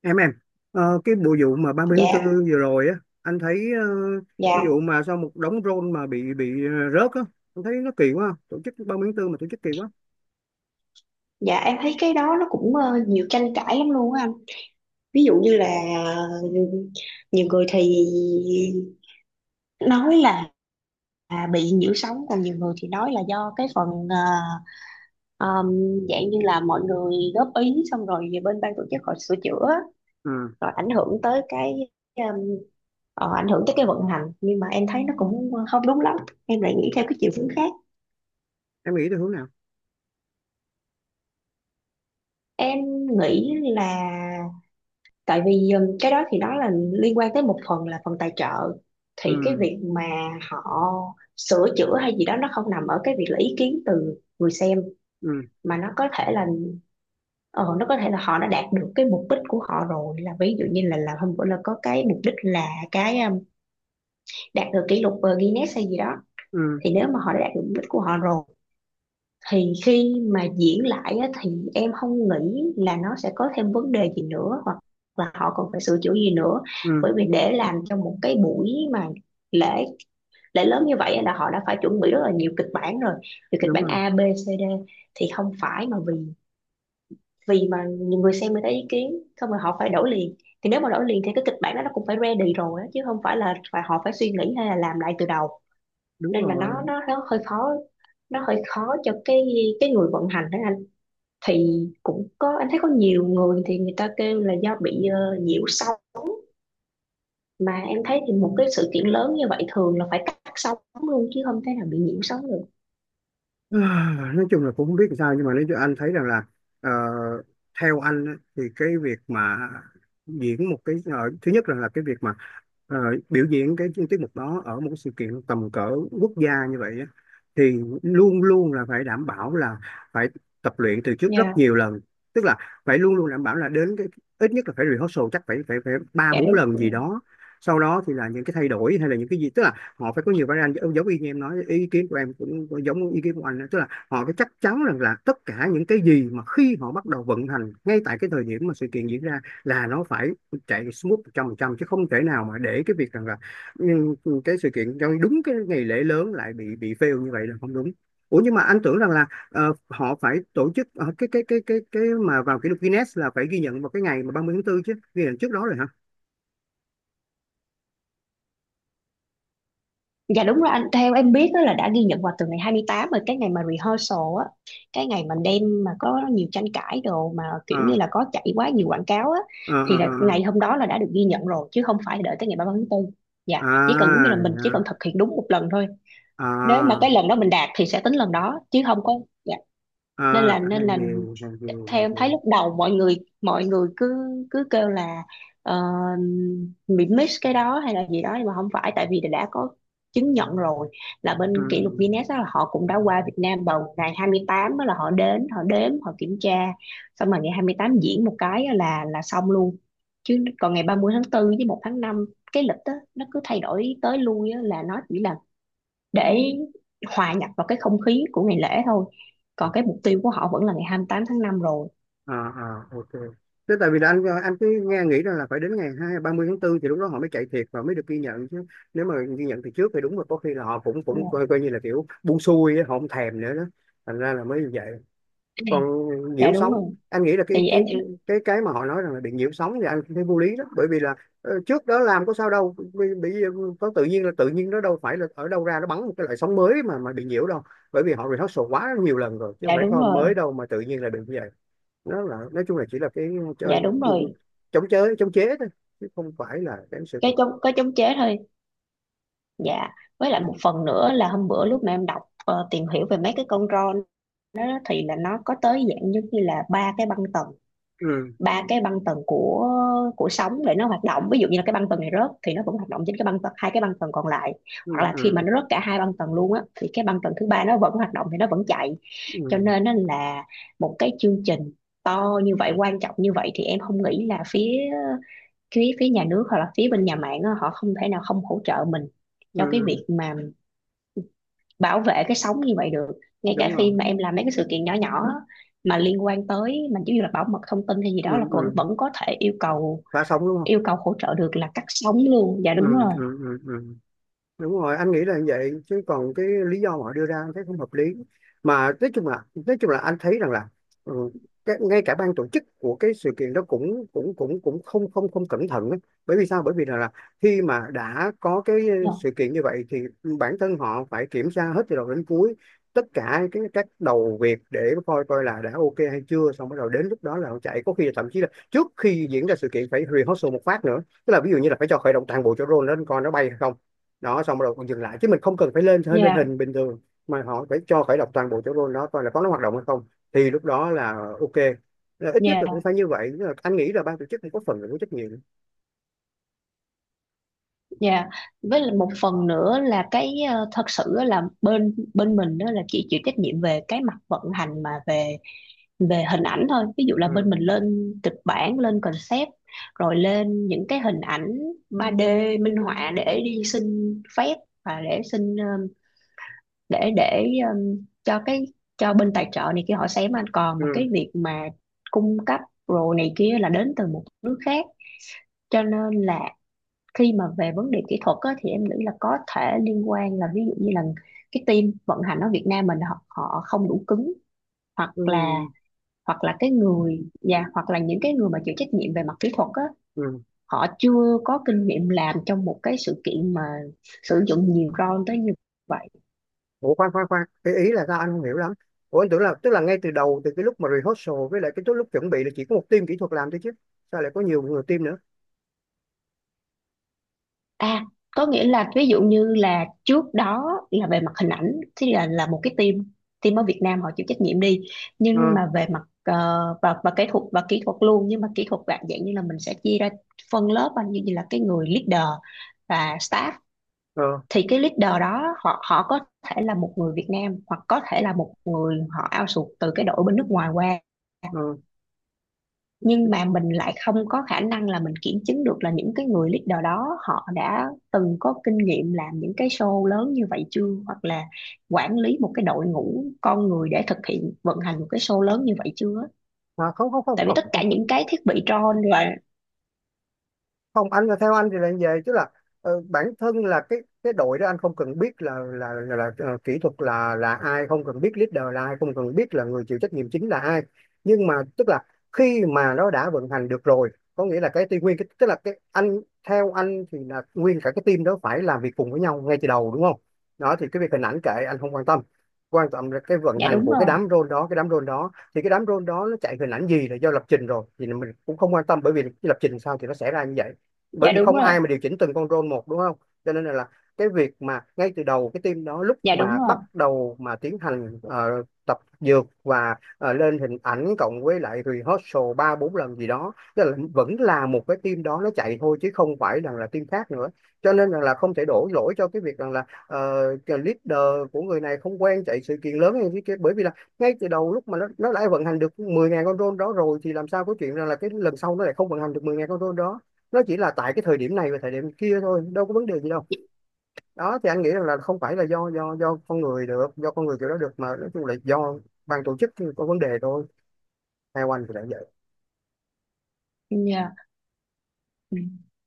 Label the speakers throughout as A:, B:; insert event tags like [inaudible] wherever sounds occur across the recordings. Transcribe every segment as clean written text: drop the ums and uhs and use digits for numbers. A: Em cái bộ vụ mà ba mươi tháng
B: Dạ,
A: tư vừa rồi á. Anh thấy,
B: dạ,
A: cái vụ mà sau một đống drone mà bị rớt á. Anh thấy nó kỳ quá, tổ chức 30 tháng tư mà tổ chức kỳ quá.
B: dạ, em thấy cái đó nó cũng nhiều tranh cãi lắm luôn á anh. Ví dụ như là ờ, nhiều người thì nói là à, bị nhiễu sóng, còn nhiều người thì nói là do cái phần ờ, um, dạng như là mọi người góp ý xong rồi về bên ban tổ chức họ sửa chữa
A: Ừ.
B: rồi ảnh hưởng tới cái um, ảnh hưởng tới cái vận hành. Nhưng mà em thấy nó cũng không đúng lắm. Em lại nghĩ theo cái chiều hướng khác.
A: Em nghĩ theo hướng nào?
B: Em nghĩ là tại vì cái đó thì đó là liên quan tới một phần là phần tài trợ, thì cái
A: Ừ.
B: việc mà họ sửa chữa hay gì đó nó không nằm ở cái việc là ý kiến từ người xem,
A: Ừ.
B: mà nó có thể là ờ, nó có thể là họ đã đạt được cái mục đích của họ rồi. Là ví dụ như là hôm bữa là có cái mục đích là cái đạt được kỷ lục Guinness hay gì đó.
A: Ừ.
B: Thì nếu mà họ đã đạt được mục đích của họ rồi thì khi mà diễn lại á, thì em không nghĩ là nó sẽ có thêm vấn đề gì nữa hoặc là họ còn phải sửa chữa gì nữa.
A: Ừ.
B: Bởi vì để làm cho một cái buổi mà lễ lễ lớn như vậy á, là họ đã phải chuẩn bị rất là nhiều kịch bản rồi, từ kịch
A: Đúng
B: bản
A: rồi.
B: A B C D. Thì không phải mà vì vì mà nhiều người xem, người ta ý kiến xong rồi họ phải đổi liền. Thì nếu mà đổi liền thì cái kịch bản đó nó cũng phải ready rồi á, chứ không phải là phải họ phải suy nghĩ hay là làm lại từ đầu.
A: Đúng
B: Nên là nó
A: rồi.
B: nó nó hơi khó, nó hơi khó cho cái người vận hành đó. Thì cũng có, em thấy có nhiều người thì người ta kêu là do bị nhiễu sóng, mà em thấy thì một cái sự kiện lớn như vậy thường là phải cắt sóng luôn chứ không thể nào bị nhiễu sóng được.
A: À, nói chung là cũng không biết làm sao, nhưng mà nếu cho anh thấy rằng là, ờ, theo anh á, thì cái việc mà diễn một cái, thứ nhất là, cái việc mà ờ, biểu diễn cái tiết mục đó ở một cái sự kiện tầm cỡ quốc gia như vậy á, thì luôn luôn là phải đảm bảo là phải tập luyện từ trước
B: Dạ,
A: rất nhiều lần. Tức là phải luôn luôn đảm bảo là đến cái, ít nhất là phải rehearsal chắc phải phải phải ba
B: dạ
A: bốn
B: đúng.
A: lần gì đó. Sau đó thì là những cái thay đổi hay là những cái gì, tức là họ phải có nhiều variant, giống giống y như em nói, ý kiến của em cũng giống ý kiến của anh đó. Tức là họ phải chắc chắn rằng là tất cả những cái gì mà khi họ bắt đầu vận hành ngay tại cái thời điểm mà sự kiện diễn ra là nó phải chạy smooth một trăm phần trăm, chứ không thể nào mà để cái việc rằng là, ừ, cái sự kiện trong đúng cái ngày lễ lớn lại bị fail như vậy là không đúng. Ủa, nhưng mà anh tưởng rằng là, họ phải tổ chức, cái mà vào kỷ lục Guinness là phải ghi nhận vào cái ngày mà 30 tháng 4, chứ ghi nhận trước đó rồi hả?
B: Dạ đúng rồi anh, theo em biết á là đã ghi nhận vào từ ngày 28 rồi, cái ngày mà rehearsal á, cái ngày mà đêm mà có nhiều tranh cãi đồ mà
A: Ờ,
B: kiểu như là có chạy quá nhiều quảng cáo á,
A: ờ,
B: thì
A: ờ,
B: là
A: ờ.
B: ngày hôm đó là đã được ghi nhận rồi chứ không phải đợi tới ngày 30 tháng 4. Dạ, chỉ cần giống như
A: À,
B: là mình chỉ cần thực hiện đúng một lần thôi.
A: à,
B: Nếu mà cái
A: à.
B: lần đó mình đạt thì sẽ tính lần đó chứ không có. Dạ. nên
A: À,
B: là nên
A: hàng
B: là
A: gì, hàng gì,
B: theo
A: hàng
B: em
A: gì?
B: thấy lúc đầu mọi người cứ cứ kêu là ờ, bị miss cái đó hay là gì đó, nhưng mà không phải, tại vì đã có chứng nhận rồi. Là bên
A: Ừ.
B: kỷ lục Guinness á, là họ cũng đã qua Việt Nam vào ngày 28 á, là họ đến họ đếm họ kiểm tra xong rồi ngày 28 diễn một cái á là xong luôn. Chứ còn ngày 30 tháng 4 với 1 tháng 5, cái lịch á, nó cứ thay đổi tới lui á, là nó chỉ là để hòa nhập vào cái không khí của ngày lễ thôi.
A: À,
B: Còn cái mục tiêu của họ vẫn là ngày 28 tháng 5 rồi.
A: à, à, ok. Thế tại vì là anh cứ nghe nghĩ rằng là phải đến ngày hai ba mươi tháng 4 thì lúc đó họ mới chạy thiệt và mới được ghi nhận chứ. Nếu mà ghi nhận từ trước thì đúng là có khi là họ cũng cũng
B: Dạ.
A: coi như là kiểu buông xuôi á, họ không thèm nữa đó. Thành ra là mới như vậy. Còn
B: Dạ
A: nhiễu
B: đúng
A: sóng,
B: rồi.
A: anh nghĩ là cái
B: Tại vì
A: cái
B: em.
A: cái cái mà họ nói rằng là bị nhiễu sóng thì anh thấy vô lý đó, bởi vì là, trước đó làm có sao đâu, bị có tự nhiên là tự nhiên nó đâu phải là ở đâu ra nó bắn một cái loại sóng mới mà bị nhiễu đâu. Bởi vì họ rehearsal quá nhiều lần rồi chứ không
B: Dạ
A: phải
B: đúng
A: kho mới
B: rồi.
A: đâu mà tự nhiên là bị như vậy. Nó là, nói chung là chỉ là cái
B: Dạ
A: chơi
B: đúng rồi.
A: chống chế thôi, chứ không phải là cái sự thật.
B: Cái chống chế thôi. Dạ. Với lại một phần nữa là hôm bữa lúc mà em đọc tìm hiểu về mấy cái con ron đó. Thì là nó có tới dạng giống như là ba cái băng tần,
A: Ừ.
B: của sóng để nó hoạt động. Ví dụ như là cái băng tần này rớt thì nó vẫn hoạt động trên cái băng tần, hai cái băng tần còn lại.
A: Ừ.
B: Hoặc là khi mà
A: Ừ.
B: nó rớt cả hai băng tần luôn á thì cái băng tần thứ ba nó vẫn hoạt động, thì nó vẫn chạy. Cho
A: Ừ.
B: nên á là một cái chương trình to như vậy, quan trọng như vậy, thì em không nghĩ là phía phía phía nhà nước hoặc là phía bên nhà mạng á, họ không thể nào không hỗ trợ mình cho cái
A: Ừ.
B: việc mà bảo vệ cái sống như vậy được. Ngay cả
A: Đúng rồi.
B: khi mà em làm mấy cái sự kiện nhỏ nhỏ mà liên quan tới mình giống như là bảo mật thông tin hay gì
A: Ừ.
B: đó là vẫn
A: Ừ.
B: vẫn có thể yêu cầu,
A: Phá sóng đúng không?
B: hỗ trợ được là cắt sóng luôn. Dạ
A: Ừ.
B: đúng rồi.
A: Ừ. Ừ. Ừ. Đúng rồi. Anh nghĩ là như vậy chứ còn cái lý do mà họ đưa ra anh thấy không hợp lý. Mà nói chung là anh thấy rằng là, ừ, cái, ngay cả ban tổ chức của cái sự kiện đó cũng cũng cũng cũng không không không cẩn thận ấy. Bởi vì sao? Bởi vì là, khi mà đã có cái
B: Dạ,
A: sự kiện như vậy thì bản thân họ phải kiểm tra hết từ đầu đến cuối. Tất cả cái các đầu việc để coi coi là đã ok hay chưa, xong bắt đầu đến lúc đó là họ chạy, có khi là thậm chí là trước khi diễn ra sự kiện phải rehearsal một phát nữa. Tức là ví dụ như là phải cho khởi động toàn bộ cho drone lên coi nó bay hay không, đó xong rồi còn dừng lại chứ mình không cần phải lên hơi lên
B: dạ,
A: hình bình thường. Mà họ phải cho khởi động toàn bộ chỗ rôn đó coi là có nó hoạt động hay không, thì lúc đó là ok, là ít nhất
B: dạ.
A: là cũng phải như vậy. Tức là anh nghĩ là ban tổ chức cũng có phần là có trách nhiệm.
B: Dạ. Với lại một phần nữa là cái thật sự á là bên bên mình đó là chỉ chịu trách nhiệm về cái mặt vận hành, mà về, hình ảnh thôi. Ví dụ là bên
A: Ừ.
B: mình lên kịch bản, lên concept, rồi lên những cái hình ảnh 3D minh họa để đi xin phép, và để xin để cho cái cho bên tài trợ này kia họ xem anh. Còn mà cái
A: Ừ.
B: việc mà cung cấp rồi này kia là đến từ một nước khác. Cho nên là khi mà về vấn đề kỹ thuật á, thì em nghĩ là có thể liên quan là ví dụ như là cái team vận hành ở Việt Nam mình họ không đủ cứng, hoặc
A: Ừ.
B: là hoặc là cái người và hoặc là những cái người mà chịu trách nhiệm về mặt kỹ thuật á,
A: Ừ.
B: họ chưa có kinh nghiệm làm trong một cái sự kiện mà sử dụng nhiều drone tới như vậy.
A: Ủa, khoan khoan khoan, cái ý là sao anh không hiểu lắm? Ủa, anh tưởng là tức là ngay từ đầu từ cái lúc mà rehearsal với lại cái lúc lúc chuẩn bị là chỉ có một team kỹ thuật làm thôi chứ, sao lại có nhiều người team nữa?
B: À, có nghĩa là ví dụ như là trước đó là về mặt hình ảnh thì là một cái team team ở Việt Nam họ chịu trách nhiệm đi.
A: ờ
B: Nhưng mà về mặt ờ, và kỹ thuật luôn. Nhưng mà kỹ thuật dạng dạng như là mình sẽ chia ra phân lớp anh, như là cái người leader và staff.
A: ờ
B: Thì cái leader đó họ họ có thể là một người Việt Nam hoặc có thể là một người họ outsource từ cái đội bên nước ngoài qua.
A: ờ
B: Nhưng mà mình lại không có khả năng là mình kiểm chứng được là những cái người leader đó họ đã từng có kinh nghiệm làm những cái show lớn như vậy chưa, hoặc là quản lý một cái đội ngũ con người để thực hiện vận hành một cái show lớn như vậy chưa.
A: À, không không không
B: Tại vì tất
A: không
B: cả những cái thiết bị drone và.
A: không, anh là theo anh thì là như vậy chứ là, bản thân là cái đội đó anh không cần biết là kỹ thuật là ai, không cần biết leader là ai, không cần biết là người chịu trách nhiệm chính là ai. Nhưng mà tức là khi mà nó đã vận hành được rồi, có nghĩa là cái team nguyên cái, tức là cái anh, theo anh thì là nguyên cả cái team đó phải làm việc cùng với nhau ngay từ đầu đúng không? Đó thì cái việc hình ảnh kệ anh không quan tâm, quan trọng là cái vận
B: Dạ
A: hành
B: đúng
A: của cái
B: rồi,
A: đám role đó, cái đám role đó thì cái đám role đó nó chạy hình ảnh gì là do lập trình rồi thì mình cũng không quan tâm, bởi vì cái lập trình sao thì nó sẽ ra như vậy. Bởi
B: dạ
A: vì
B: đúng
A: không
B: rồi,
A: ai mà điều chỉnh từng con role một đúng không? Cho nên là cái việc mà ngay từ đầu cái team đó lúc
B: dạ đúng
A: mà
B: rồi,
A: bắt đầu mà tiến hành tập dược và lên hình ảnh cộng với lại rehearsal ba bốn lần gì đó, tức là vẫn là một cái team đó nó chạy thôi chứ không phải rằng là team khác nữa. Cho nên rằng là không thể đổ lỗi cho cái việc rằng là, cái leader của người này không quen chạy sự kiện lớn hay cái kia, bởi vì là ngay từ đầu lúc mà nó đã vận hành được mười ngàn con drone đó rồi thì làm sao có chuyện rằng là cái lần sau nó lại không vận hành được 10.000 con drone đó. Nó chỉ là tại cái thời điểm này và thời điểm kia thôi, đâu có vấn đề gì đâu. Đó thì anh nghĩ rằng là không phải là do con người được, do con người kiểu đó được mà nói chung là do ban tổ chức có vấn đề thôi. Theo anh thì đã vậy.
B: dạ. Ừ.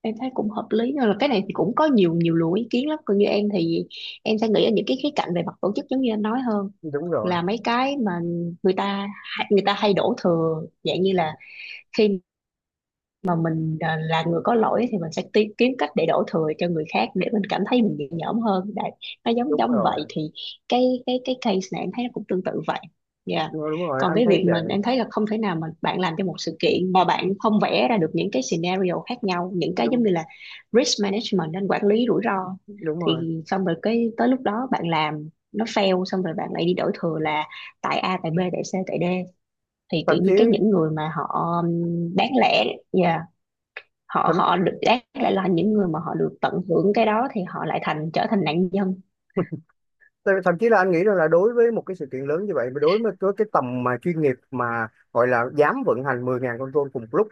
B: Em thấy cũng hợp lý, nhưng là cái này thì cũng có nhiều nhiều luồng ý kiến lắm. Còn như em thì em sẽ nghĩ ở những cái khía cạnh về mặt tổ chức giống như anh nói hơn,
A: Đúng rồi.
B: là mấy cái mà người ta người ta hay đổ thừa dạng như là khi mà mình à, là người có lỗi thì mình sẽ kiếm cách để đổ thừa cho người khác để mình cảm thấy mình nhẹ nhõm hơn đấy. Nó giống
A: Đúng
B: giống
A: rồi.
B: vậy. Thì cái case này em thấy nó cũng tương tự vậy. Dạ.
A: Đúng rồi, đúng rồi.
B: Còn
A: Anh
B: cái
A: thấy
B: việc mà
A: vậy.
B: em thấy là không thể nào mà bạn làm cho một sự kiện mà bạn không vẽ ra được những cái scenario khác nhau, những cái giống
A: Đúng.
B: như là risk management anh, quản lý rủi ro.
A: Đúng rồi.
B: Thì xong rồi cái tới lúc đó bạn làm nó fail xong rồi bạn lại đi đổ thừa là tại A tại B tại C tại D. Thì tự
A: thậm chí
B: nhiên cái những người mà họ bán lẻ, yeah, họ
A: thậm,
B: họ được đáng lại là những người mà họ được tận hưởng cái đó thì họ lại thành trở thành nạn nhân.
A: Thậm chí là anh nghĩ rằng là đối với một cái sự kiện lớn như vậy, mà đối với cái tầm mà chuyên nghiệp mà gọi là dám vận hành 10.000 con drone cùng lúc,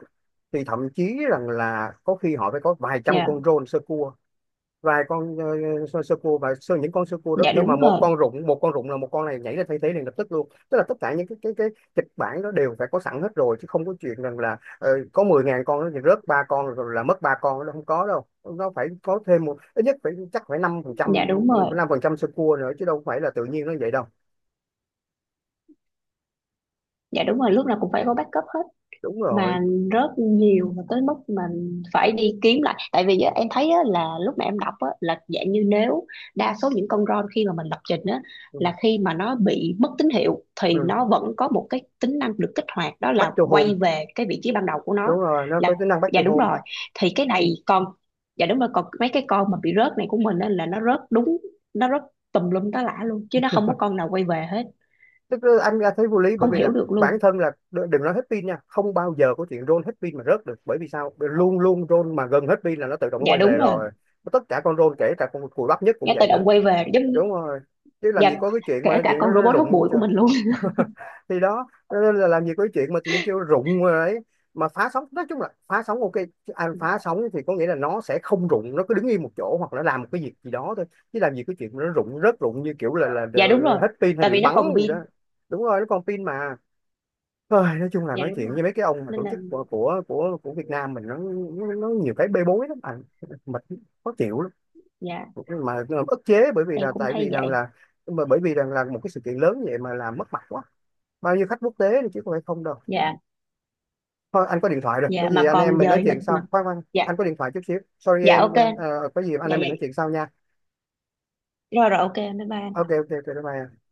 A: thì thậm chí rằng là có khi họ phải có vài trăm
B: Dạ,
A: con drone sơ cua, vài con sơ cua và những con sơ cua đó
B: dạ
A: khi mà
B: đúng rồi,
A: một con rụng là một con này nhảy lên thay thế liền lập tức luôn, tức là tất cả những cái kịch bản đó đều phải có sẵn hết rồi chứ không có chuyện rằng là, có 10.000 con nó rớt ba con rồi là mất ba con, nó không có đâu, nó phải có thêm một, ít nhất phải chắc phải
B: dạ đúng rồi,
A: 5% sơ cua nữa chứ đâu phải là tự nhiên nó vậy đâu.
B: dạ đúng rồi, lúc nào cũng phải có backup hết.
A: Đúng rồi.
B: Mà rớt nhiều, mà tới mức mình phải đi kiếm lại, tại vì á, em thấy á, là lúc mà em đọc á, là dạng như nếu đa số những con ROM khi mà mình lập trình á,
A: Ừ.
B: là khi mà nó bị mất tín hiệu thì
A: Ừ.
B: nó vẫn có một cái tính năng được kích hoạt, đó là
A: Back to
B: quay
A: home.
B: về cái vị trí ban đầu của
A: Đúng
B: nó
A: rồi, nó
B: là.
A: có tính năng back
B: Dạ
A: to
B: đúng
A: home.
B: rồi. Thì cái này còn. Dạ đúng rồi. Còn mấy cái con mà bị rớt này của mình á, là nó rớt tùm lum tá lả luôn chứ nó không có con nào quay về hết.
A: Tức là anh ra thấy vô lý bởi
B: Không
A: vì
B: hiểu
A: là
B: được
A: bản
B: luôn.
A: thân là, đừng nói hết pin nha, không bao giờ có chuyện roll hết pin mà rớt được, bởi vì sao, luôn luôn roll mà gần hết pin là nó tự động nó
B: Dạ
A: quay về
B: đúng rồi.
A: rồi. Tất cả con roll kể cả con cùi bắp nhất cũng
B: Nó
A: vậy
B: tự
A: nữa.
B: động quay về giống.
A: Đúng rồi, chứ làm
B: Dạ.
A: gì có cái chuyện mà
B: Kể cả
A: chuyện
B: con
A: nó
B: robot hút
A: rụng.
B: bụi của mình luôn.
A: Thì đó cho nên là làm gì có cái chuyện mà tự nhiên kêu rụng rồi đấy. Mà phá sóng, nói chung là phá sóng ok, anh phá
B: [laughs]
A: sóng thì có nghĩa là nó sẽ không rụng, nó cứ đứng yên một chỗ hoặc là làm một cái việc gì đó thôi. Chứ làm gì có chuyện mà nó rụng rớt rụng như kiểu là
B: Dạ đúng rồi.
A: hết pin hay
B: Tại
A: bị
B: vì nó
A: bắn
B: còn
A: gì đó.
B: pin.
A: Đúng rồi, nó còn pin mà. Ôi, nói chung là
B: Dạ
A: nói
B: đúng
A: chuyện
B: rồi.
A: với mấy cái ông mà
B: Nên
A: tổ
B: là.
A: chức của Việt Nam mình nó nhiều cái bê bối lắm anh. Mệt. Khó chịu lắm.
B: Dạ,
A: Mà mà ức chế bởi vì
B: em
A: là
B: cũng
A: tại vì
B: thấy
A: rằng
B: vậy.
A: là, mà bởi vì rằng là một cái sự kiện lớn vậy mà làm mất mặt quá, bao nhiêu khách quốc tế đi chứ không phải không đâu.
B: Dạ,
A: Thôi anh có điện thoại rồi, có
B: dạ,
A: gì
B: mà
A: anh em
B: còn
A: mình nói
B: dời lịch
A: chuyện
B: mà.
A: sau. Khoan khoan,
B: Dạ,
A: anh có điện thoại chút xíu, sorry
B: dạ, ok.
A: em nha. Ờ, có gì anh
B: Dạ,
A: em
B: dạ.
A: mình nói chuyện sau nha.
B: Rồi, rồi, ok, bye bye.
A: Ok, ok, ok, bye bye.